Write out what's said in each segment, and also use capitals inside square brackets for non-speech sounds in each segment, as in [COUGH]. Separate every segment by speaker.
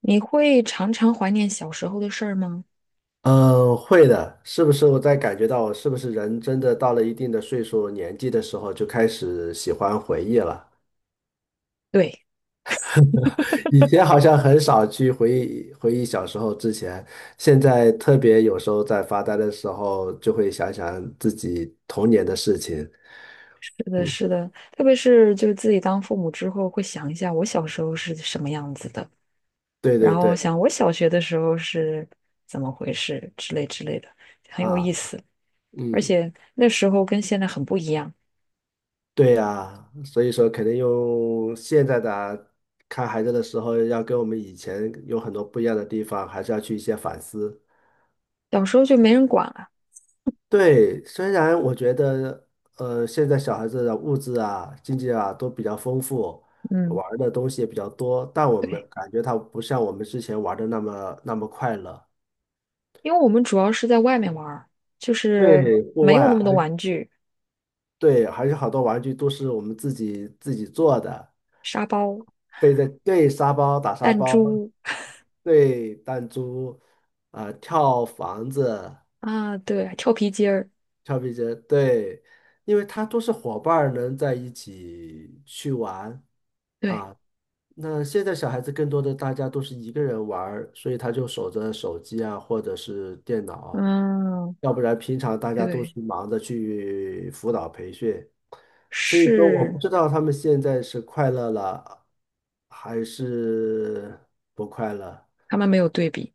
Speaker 1: 你会常常怀念小时候的事儿吗？
Speaker 2: 嗯，会的，是不是我在感觉到我是不是人真的到了一定的岁数、年纪的时候，就开始喜欢回忆了？
Speaker 1: 对，
Speaker 2: [LAUGHS] 以前好像很少去回忆回忆小时候之前，现在特别有时候在发呆的时候，就会想想自己童年的事情。
Speaker 1: 是的，
Speaker 2: 嗯，
Speaker 1: 是的，特别是就是自己当父母之后，会想一下我小时候是什么样子的，
Speaker 2: 对
Speaker 1: 然
Speaker 2: 对
Speaker 1: 后想
Speaker 2: 对，
Speaker 1: 我小学的时候是怎么回事之类之类的，很有意
Speaker 2: 啊，
Speaker 1: 思。而
Speaker 2: 嗯，
Speaker 1: 且那时候跟现在很不一样，
Speaker 2: 对呀，所以说肯定用现在的啊看孩子的时候，要跟我们以前有很多不一样的地方，还是要去一些反思。
Speaker 1: 小时候就没人管了。
Speaker 2: 对，虽然我觉得，现在小孩子的物质啊、经济啊都比较丰富，
Speaker 1: 嗯，
Speaker 2: 玩儿的东西也比较多，但我们
Speaker 1: 对，
Speaker 2: 感觉他不像我们之前玩的那么那么快乐。
Speaker 1: 因为我们主要是在外面玩儿，就是
Speaker 2: 对，户
Speaker 1: 没有那
Speaker 2: 外
Speaker 1: 么多
Speaker 2: 还
Speaker 1: 玩具，
Speaker 2: 对，还是好多玩具都是我们自己做的，
Speaker 1: 沙包、
Speaker 2: 背着对沙包打沙
Speaker 1: 弹
Speaker 2: 包，
Speaker 1: 珠
Speaker 2: 对弹珠，啊、跳房子，
Speaker 1: 啊，对，跳皮筋儿，
Speaker 2: 跳皮筋，对，因为它都是伙伴儿能在一起去玩。
Speaker 1: 对，
Speaker 2: 啊。那现在小孩子更多的大家都是一个人玩儿，所以他就守着手机啊，或者是电脑，
Speaker 1: 嗯，
Speaker 2: 要不然平常大家都
Speaker 1: 对。
Speaker 2: 是忙着去辅导培训，所以说我不
Speaker 1: 是
Speaker 2: 知道他们现在是快乐了还是不快乐。
Speaker 1: 他们没有对比，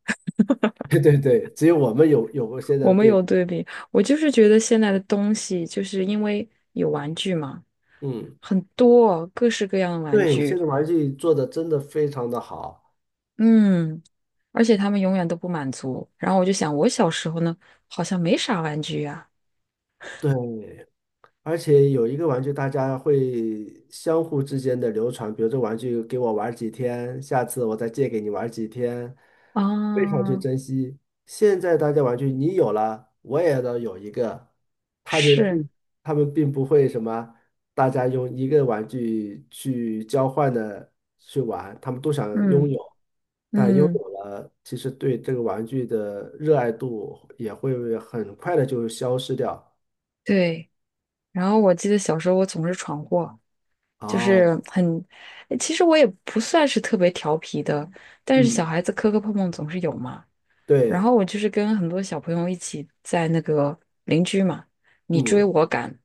Speaker 2: [LAUGHS] 对对对，只有我们有过现
Speaker 1: [LAUGHS]
Speaker 2: 在
Speaker 1: 我
Speaker 2: 的
Speaker 1: 们
Speaker 2: 对
Speaker 1: 有
Speaker 2: 比。
Speaker 1: 对比。我就是觉得现在的东西，就是因为有玩具嘛，
Speaker 2: 嗯，
Speaker 1: 很多各式各样的玩
Speaker 2: 对，现
Speaker 1: 具，
Speaker 2: 在玩具做的真的非常的好。
Speaker 1: 嗯，而且他们永远都不满足。然后我就想，我小时候呢，好像没啥玩具呀、
Speaker 2: 对，而且有一个玩具，大家会相互之间的流传，比如这玩具给我玩儿几天，下次我再借给你玩儿几天，
Speaker 1: 啊。
Speaker 2: 非常去
Speaker 1: 啊，
Speaker 2: 珍惜。现在大家玩具你有了，我也要有一个，他们
Speaker 1: 是，
Speaker 2: 并他们并不会什么，大家用一个玩具去交换的去玩，他们都想
Speaker 1: 嗯
Speaker 2: 拥有，但拥
Speaker 1: 嗯，
Speaker 2: 有了，其实对这个玩具的热爱度也会很快的就消失掉。
Speaker 1: 对。然后我记得小时候我总是闯祸，就是
Speaker 2: 哦，
Speaker 1: 其实我也不算是特别调皮的，但是小
Speaker 2: 嗯。
Speaker 1: 孩子磕磕碰碰总是有嘛。然
Speaker 2: 对，
Speaker 1: 后我就是跟很多小朋友一起在那个邻居嘛，你追
Speaker 2: 嗯
Speaker 1: 我赶，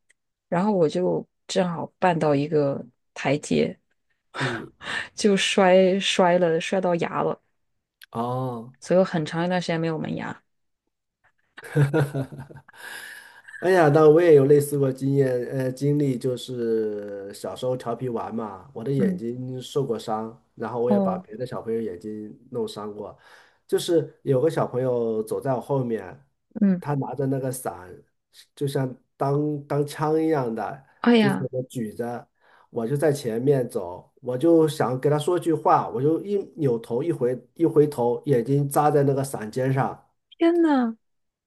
Speaker 1: 然后我就正好绊到一个阶，
Speaker 2: 嗯，
Speaker 1: 就摔了，摔到牙了，
Speaker 2: 哦，
Speaker 1: 所以我很长一段时间没有门牙。
Speaker 2: 哎呀，那我也有类似过经验，经历就是小时候调皮玩嘛，我的眼
Speaker 1: 嗯，
Speaker 2: 睛受过伤，然后我也把
Speaker 1: 哦，
Speaker 2: 别的小朋友眼睛弄伤过，就是有个小朋友走在我后面，
Speaker 1: 嗯，
Speaker 2: 他拿着那个伞，就像当枪一样的，
Speaker 1: 哎
Speaker 2: 就是
Speaker 1: 呀，
Speaker 2: 我举着，我就在前面走，我就想给他说句话，我就一扭头一回头，眼睛扎在那个伞尖上。
Speaker 1: 天呐，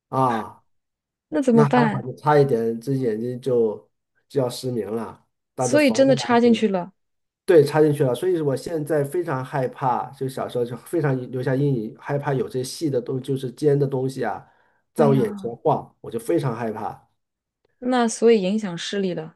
Speaker 2: 啊，
Speaker 1: 那怎
Speaker 2: 那
Speaker 1: 么
Speaker 2: 还好，
Speaker 1: 办？
Speaker 2: 就差一点，这眼睛就要失明了，当着
Speaker 1: 所以
Speaker 2: 缝
Speaker 1: 真的
Speaker 2: 了当
Speaker 1: 插进
Speaker 2: 时，
Speaker 1: 去了。
Speaker 2: 对，插进去了。所以我现在非常害怕，就小时候就非常留下阴影，害怕有这细的东，就是尖的东西啊，在
Speaker 1: 哎
Speaker 2: 我眼
Speaker 1: 呀，
Speaker 2: 前晃，我就非常害怕。
Speaker 1: 那所以影响视力了。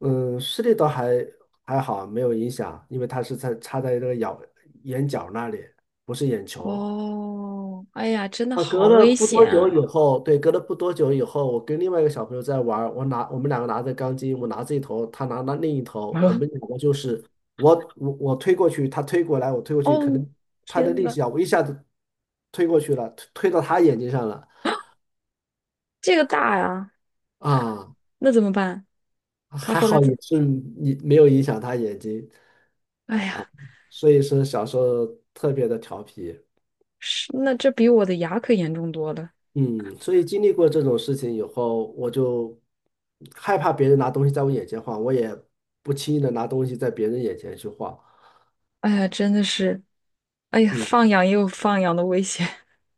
Speaker 2: 嗯，视力倒还好，没有影响，因为它是在插在这个咬眼角那里，不是眼球。
Speaker 1: 哦，哎呀，真的
Speaker 2: 啊，
Speaker 1: 好
Speaker 2: 隔了
Speaker 1: 危
Speaker 2: 不多
Speaker 1: 险
Speaker 2: 久以
Speaker 1: 啊！
Speaker 2: 后，对，隔了不多久以后，我跟另外一个小朋友在玩儿我们两个拿着钢筋，我拿这一头，他拿那另一
Speaker 1: 我
Speaker 2: 头，我
Speaker 1: 说，
Speaker 2: 们两个就是我推过去，他推过来，我推过去，可
Speaker 1: 哦，
Speaker 2: 能他的
Speaker 1: 天
Speaker 2: 力
Speaker 1: 呐，
Speaker 2: 气啊，我一下子推过去了，推到他眼睛上了
Speaker 1: 这个大呀，
Speaker 2: 啊，
Speaker 1: 那怎么办？他
Speaker 2: 还
Speaker 1: 后来
Speaker 2: 好
Speaker 1: 怎
Speaker 2: 也
Speaker 1: 么
Speaker 2: 是你没有影响他眼睛，
Speaker 1: 哎呀，
Speaker 2: 所以说小时候特别的调皮。
Speaker 1: 是，那这比我的牙可严重多了。
Speaker 2: 嗯，所以经历过这种事情以后，我就害怕别人拿东西在我眼前晃，我也不轻易的拿东西在别人眼前去晃。
Speaker 1: 哎呀，真的是，哎呀，
Speaker 2: 嗯，
Speaker 1: 放养也有放养的危险。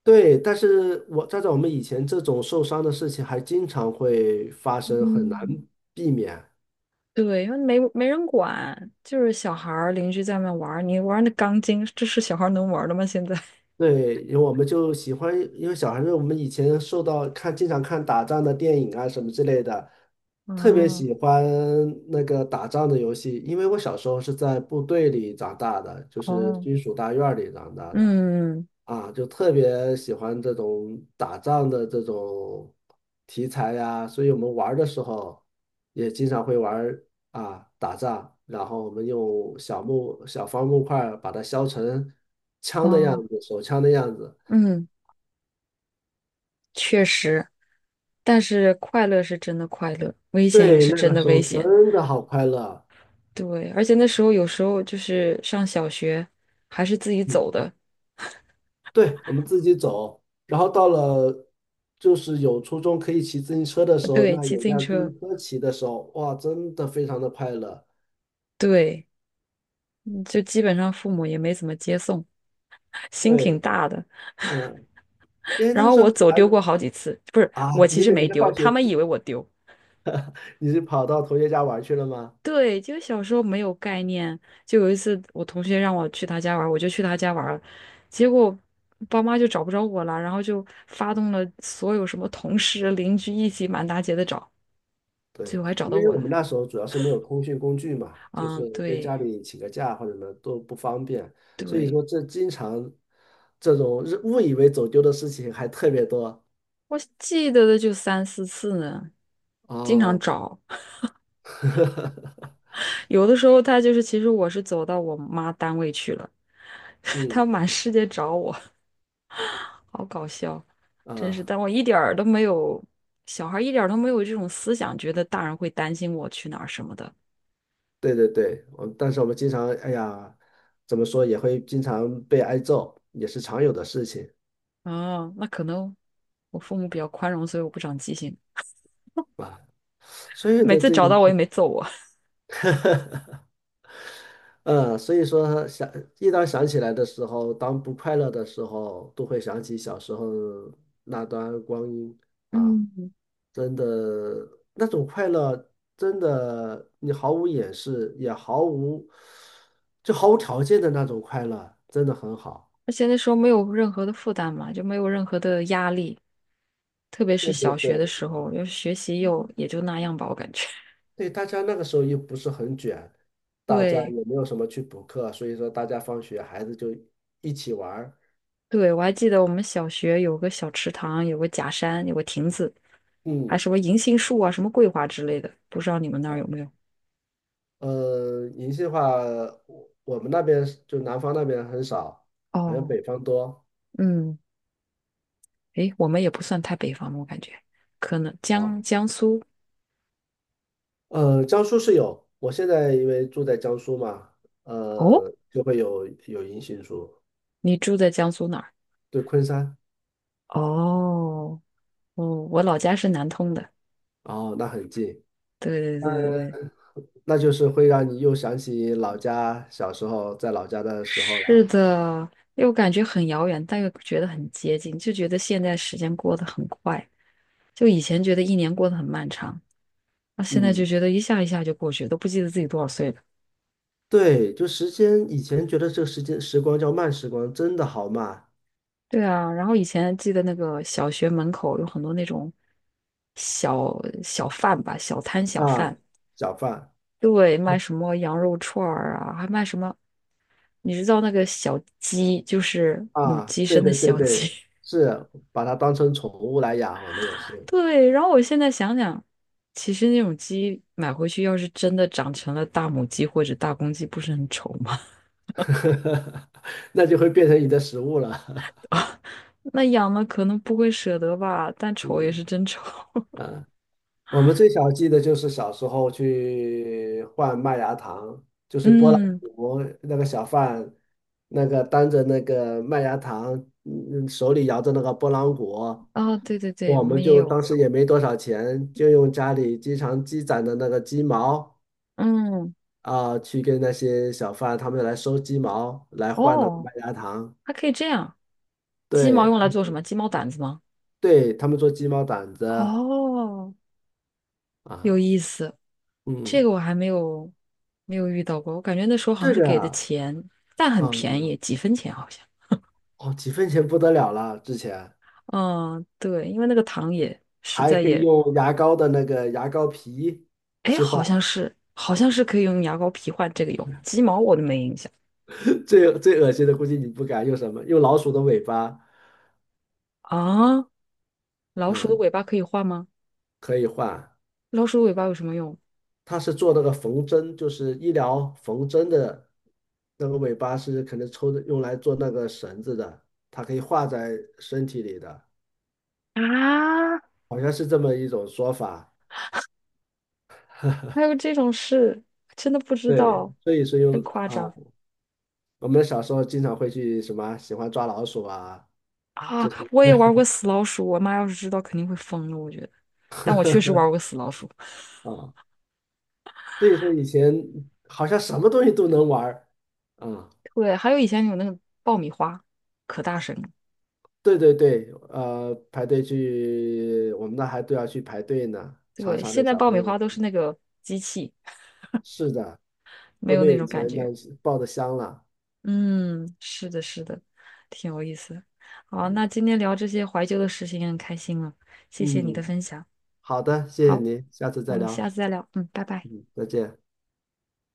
Speaker 2: 对，但是我站在我们以前这种受伤的事情还经常会发生，很难
Speaker 1: 嗯，
Speaker 2: 避免。
Speaker 1: [LAUGHS] 对，因为没人管，就是小孩儿邻居在那玩儿，你玩那钢筋，这是小孩儿能玩儿的吗？现在？[LAUGHS]
Speaker 2: 对，因为我们就喜欢，因为小孩子我们以前受到看，经常看打仗的电影啊什么之类的，特别
Speaker 1: 哦
Speaker 2: 喜欢那个打仗的游戏。因为我小时候是在部队里长大的，就是
Speaker 1: 哦，
Speaker 2: 军属大院儿里长大的。
Speaker 1: 嗯
Speaker 2: 啊，就特别喜欢这种打仗的这种题材呀，所以我们玩儿的时候也经常会玩儿啊打仗，然后我们用小方木块儿把它削成枪的样
Speaker 1: 哦
Speaker 2: 子，手枪的样子。
Speaker 1: 嗯，确实，但是快乐是真的快乐，危险也
Speaker 2: 对，
Speaker 1: 是
Speaker 2: 那
Speaker 1: 真
Speaker 2: 个
Speaker 1: 的
Speaker 2: 时
Speaker 1: 危
Speaker 2: 候
Speaker 1: 险。
Speaker 2: 真的好快乐。
Speaker 1: 对，而且那时候有时候就是上小学，还是自己走
Speaker 2: 嗯，
Speaker 1: 的，
Speaker 2: 对，我们自己走，然后到了就是有初中可以骑自行车的时候，
Speaker 1: 对，
Speaker 2: 那
Speaker 1: 骑
Speaker 2: 有
Speaker 1: 自行
Speaker 2: 辆自
Speaker 1: 车，
Speaker 2: 行车骑的时候，哇，真的非常的快乐。
Speaker 1: 对。嗯就基本上父母也没怎么接送，心挺
Speaker 2: 对，
Speaker 1: 大的。[LAUGHS]
Speaker 2: 嗯。因为
Speaker 1: 然
Speaker 2: 那
Speaker 1: 后
Speaker 2: 时
Speaker 1: 我
Speaker 2: 候
Speaker 1: 走
Speaker 2: 还
Speaker 1: 丢
Speaker 2: 是
Speaker 1: 过好几次，不是，
Speaker 2: 啊，
Speaker 1: 我其
Speaker 2: 你
Speaker 1: 实
Speaker 2: 每
Speaker 1: 没
Speaker 2: 天
Speaker 1: 丢，
Speaker 2: 放学
Speaker 1: 他们以为我丢。
Speaker 2: 你是跑到同学家玩去了吗？
Speaker 1: 对，就小时候没有概念，就有一次我同学让我去他家玩儿，我就去他家玩儿了，结果爸妈就找不着我了，然后就发动了所有什么同事邻居一起满大街的找，最
Speaker 2: 对，
Speaker 1: 后还找
Speaker 2: 因
Speaker 1: 到
Speaker 2: 为
Speaker 1: 我
Speaker 2: 我
Speaker 1: 了。
Speaker 2: 们那时候主要是没有通讯工具嘛，就
Speaker 1: 嗯，
Speaker 2: 是跟
Speaker 1: 对
Speaker 2: 家里请个假或者什么都不方便，所以
Speaker 1: 对，
Speaker 2: 说这经常这种日误以为走丢的事情还特别多
Speaker 1: 我记得的就三四次呢，经常
Speaker 2: 哦，
Speaker 1: 找。
Speaker 2: [LAUGHS]
Speaker 1: 有的时候他就是，其实我是走到我妈单位去了，[LAUGHS] 他
Speaker 2: 嗯
Speaker 1: 满世界找我，好搞笑，真是。
Speaker 2: 啊，
Speaker 1: 但我一点儿都没有，小孩儿一点儿都没有这种思想，觉得大人会担心我去哪儿什么的。
Speaker 2: 对对对，但是我们经常哎呀，怎么说也会经常被挨揍，也是常有的事情
Speaker 1: 啊，那可能我父母比较宽容，所以我不长记性。
Speaker 2: 啊，所有
Speaker 1: 每
Speaker 2: 的
Speaker 1: 次
Speaker 2: 这
Speaker 1: 找
Speaker 2: 一
Speaker 1: 到我也
Speaker 2: 切
Speaker 1: 没揍我，
Speaker 2: [LAUGHS] 嗯，所以说想一当想起来的时候，当不快乐的时候，都会想起小时候那段光阴啊，
Speaker 1: 嗯，
Speaker 2: 真的那种快乐，真的你毫无掩饰，也毫无就毫无条件的那种快乐，真的很好。
Speaker 1: 而且那时候没有任何的负担嘛，就没有任何的压力，特别
Speaker 2: 对
Speaker 1: 是
Speaker 2: 对
Speaker 1: 小学的
Speaker 2: 对，
Speaker 1: 时候，要是学习又也就那样吧，我感觉。
Speaker 2: 对，大家那个时候又不是很卷，
Speaker 1: [LAUGHS]
Speaker 2: 大家
Speaker 1: 对。
Speaker 2: 也没有什么去补课，所以说大家放学孩子就一起玩儿，
Speaker 1: 对，我还记得我们小学有个小池塘，有个假山，有个亭子，还
Speaker 2: 嗯。
Speaker 1: 什么银杏树啊，什么桂花之类的，不知道你们那儿有
Speaker 2: 啊
Speaker 1: 没有？
Speaker 2: 银杏的话，我们那边是就南方那边很少，好像
Speaker 1: 哦，
Speaker 2: 北方多
Speaker 1: 嗯，诶，我们也不算太北方吧我感觉可能
Speaker 2: 啊。
Speaker 1: 江苏。
Speaker 2: 江苏是有，我现在因为住在江苏嘛，
Speaker 1: 哦，
Speaker 2: 就会有银杏树，
Speaker 1: 你住在江苏哪儿？
Speaker 2: 对，昆山，
Speaker 1: 哦，哦，我老家是南通的。
Speaker 2: 哦，那很近，
Speaker 1: 对对对对对，
Speaker 2: 那就是会让你又想起老家小时候在老家的时候
Speaker 1: 是
Speaker 2: 了。
Speaker 1: 的，又感觉很遥远，但又觉得很接近，就觉得现在时间过得很快，就以前觉得一年过得很漫长。那现在就
Speaker 2: 嗯，
Speaker 1: 觉得一下一下就过去，都不记得自己多少岁了。
Speaker 2: 对，就时间，以前觉得这个时间时光叫慢时光，真的好慢
Speaker 1: 对啊，然后以前记得那个小学门口有很多那种小小贩吧，小摊小
Speaker 2: 啊，
Speaker 1: 贩，
Speaker 2: 小贩。
Speaker 1: 对，卖什么羊肉串儿啊，还卖什么，你知道那个小鸡，就是母
Speaker 2: 啊，
Speaker 1: 鸡
Speaker 2: 对
Speaker 1: 生的
Speaker 2: 对对
Speaker 1: 小鸡。
Speaker 2: 对，是把它当成宠物来养，我们也
Speaker 1: [LAUGHS]
Speaker 2: 是，
Speaker 1: 对，然后我现在想想，其实那种鸡买回去，要是真的长成了大母鸡或者大公鸡，不是很丑吗？
Speaker 2: [LAUGHS] 那就会变成你的食物了。
Speaker 1: [LAUGHS] 那养了可能不会舍得吧，但
Speaker 2: [LAUGHS]
Speaker 1: 丑也
Speaker 2: 嗯
Speaker 1: 是真丑。
Speaker 2: 啊，我们最小记得就是小时候去换麦芽糖，就
Speaker 1: [LAUGHS]
Speaker 2: 是拨浪
Speaker 1: 嗯。
Speaker 2: 鼓那个小贩，那个担着那个麦芽糖，嗯，手里摇着那个拨浪鼓，
Speaker 1: 哦，对对对，
Speaker 2: 我
Speaker 1: 我
Speaker 2: 们
Speaker 1: 们也
Speaker 2: 就当
Speaker 1: 有，
Speaker 2: 时也没多少钱，就用家里经常积攒的那个鸡毛
Speaker 1: 嗯，
Speaker 2: 啊，去跟那些小贩他们来收鸡毛来换那个
Speaker 1: 哦，
Speaker 2: 麦芽糖。
Speaker 1: 还可以这样，鸡毛
Speaker 2: 对
Speaker 1: 用来做什么？鸡毛掸子吗？
Speaker 2: 对，他们做鸡毛掸子
Speaker 1: 哦，有
Speaker 2: 啊，
Speaker 1: 意思，这
Speaker 2: 嗯，
Speaker 1: 个我还没有遇到过，我感觉那时候好像
Speaker 2: 这
Speaker 1: 是
Speaker 2: 个
Speaker 1: 给的
Speaker 2: 啊，
Speaker 1: 钱，但很便
Speaker 2: 嗯，
Speaker 1: 宜，几分钱好像。
Speaker 2: 哦，几分钱不得了了，之前
Speaker 1: 嗯，对，因为那个糖也实
Speaker 2: 还
Speaker 1: 在
Speaker 2: 可以
Speaker 1: 也，
Speaker 2: 用牙膏的那个牙膏皮
Speaker 1: 哎，
Speaker 2: 去换，
Speaker 1: 好像是可以用牙膏皮换这个油，鸡毛我都没印象
Speaker 2: [LAUGHS] 最最恶心的估计你不敢用什么，用老鼠的尾巴，
Speaker 1: 啊。老鼠的
Speaker 2: 嗯，
Speaker 1: 尾巴可以换吗？
Speaker 2: 可以换，
Speaker 1: 老鼠的尾巴有什么用？
Speaker 2: 它是做那个缝针，就是医疗缝针的那个尾巴是可能抽的用来做那个绳子的，它可以画在身体里的，
Speaker 1: 啊，
Speaker 2: 好像是这么一种说法。
Speaker 1: 还有这种事，真的不知
Speaker 2: 对，
Speaker 1: 道，
Speaker 2: 所以说用
Speaker 1: 真夸
Speaker 2: 啊。
Speaker 1: 张
Speaker 2: 我们小时候经常会去什么喜欢抓老鼠啊，这
Speaker 1: 啊！
Speaker 2: 些
Speaker 1: 我也玩过死老鼠，我妈要是知道肯定会疯了，我觉得。但我确实玩过死老鼠，
Speaker 2: 啊，所以说以前好像什么东西都能玩儿啊。
Speaker 1: 对，还有以前有那个爆米花，可大声了。
Speaker 2: 对对对，排队去，我们那还都要去排队呢，常
Speaker 1: 对，
Speaker 2: 常
Speaker 1: 现
Speaker 2: 的
Speaker 1: 在
Speaker 2: 小
Speaker 1: 爆
Speaker 2: 朋
Speaker 1: 米花
Speaker 2: 友，
Speaker 1: 都是那个机器，
Speaker 2: 是的，
Speaker 1: 没
Speaker 2: 都
Speaker 1: 有
Speaker 2: 没
Speaker 1: 那
Speaker 2: 有
Speaker 1: 种
Speaker 2: 以
Speaker 1: 感
Speaker 2: 前那
Speaker 1: 觉。
Speaker 2: 样抱的香了。
Speaker 1: 嗯，是的，是的，挺有意思。好，
Speaker 2: 嗯，
Speaker 1: 那今天聊这些怀旧的事情也很开心了，谢谢你的
Speaker 2: 嗯
Speaker 1: 分享。
Speaker 2: 好的，谢谢
Speaker 1: 好，
Speaker 2: 您，下次
Speaker 1: 我
Speaker 2: 再
Speaker 1: 们
Speaker 2: 聊。
Speaker 1: 下次再聊。嗯，拜拜。
Speaker 2: 嗯，再见。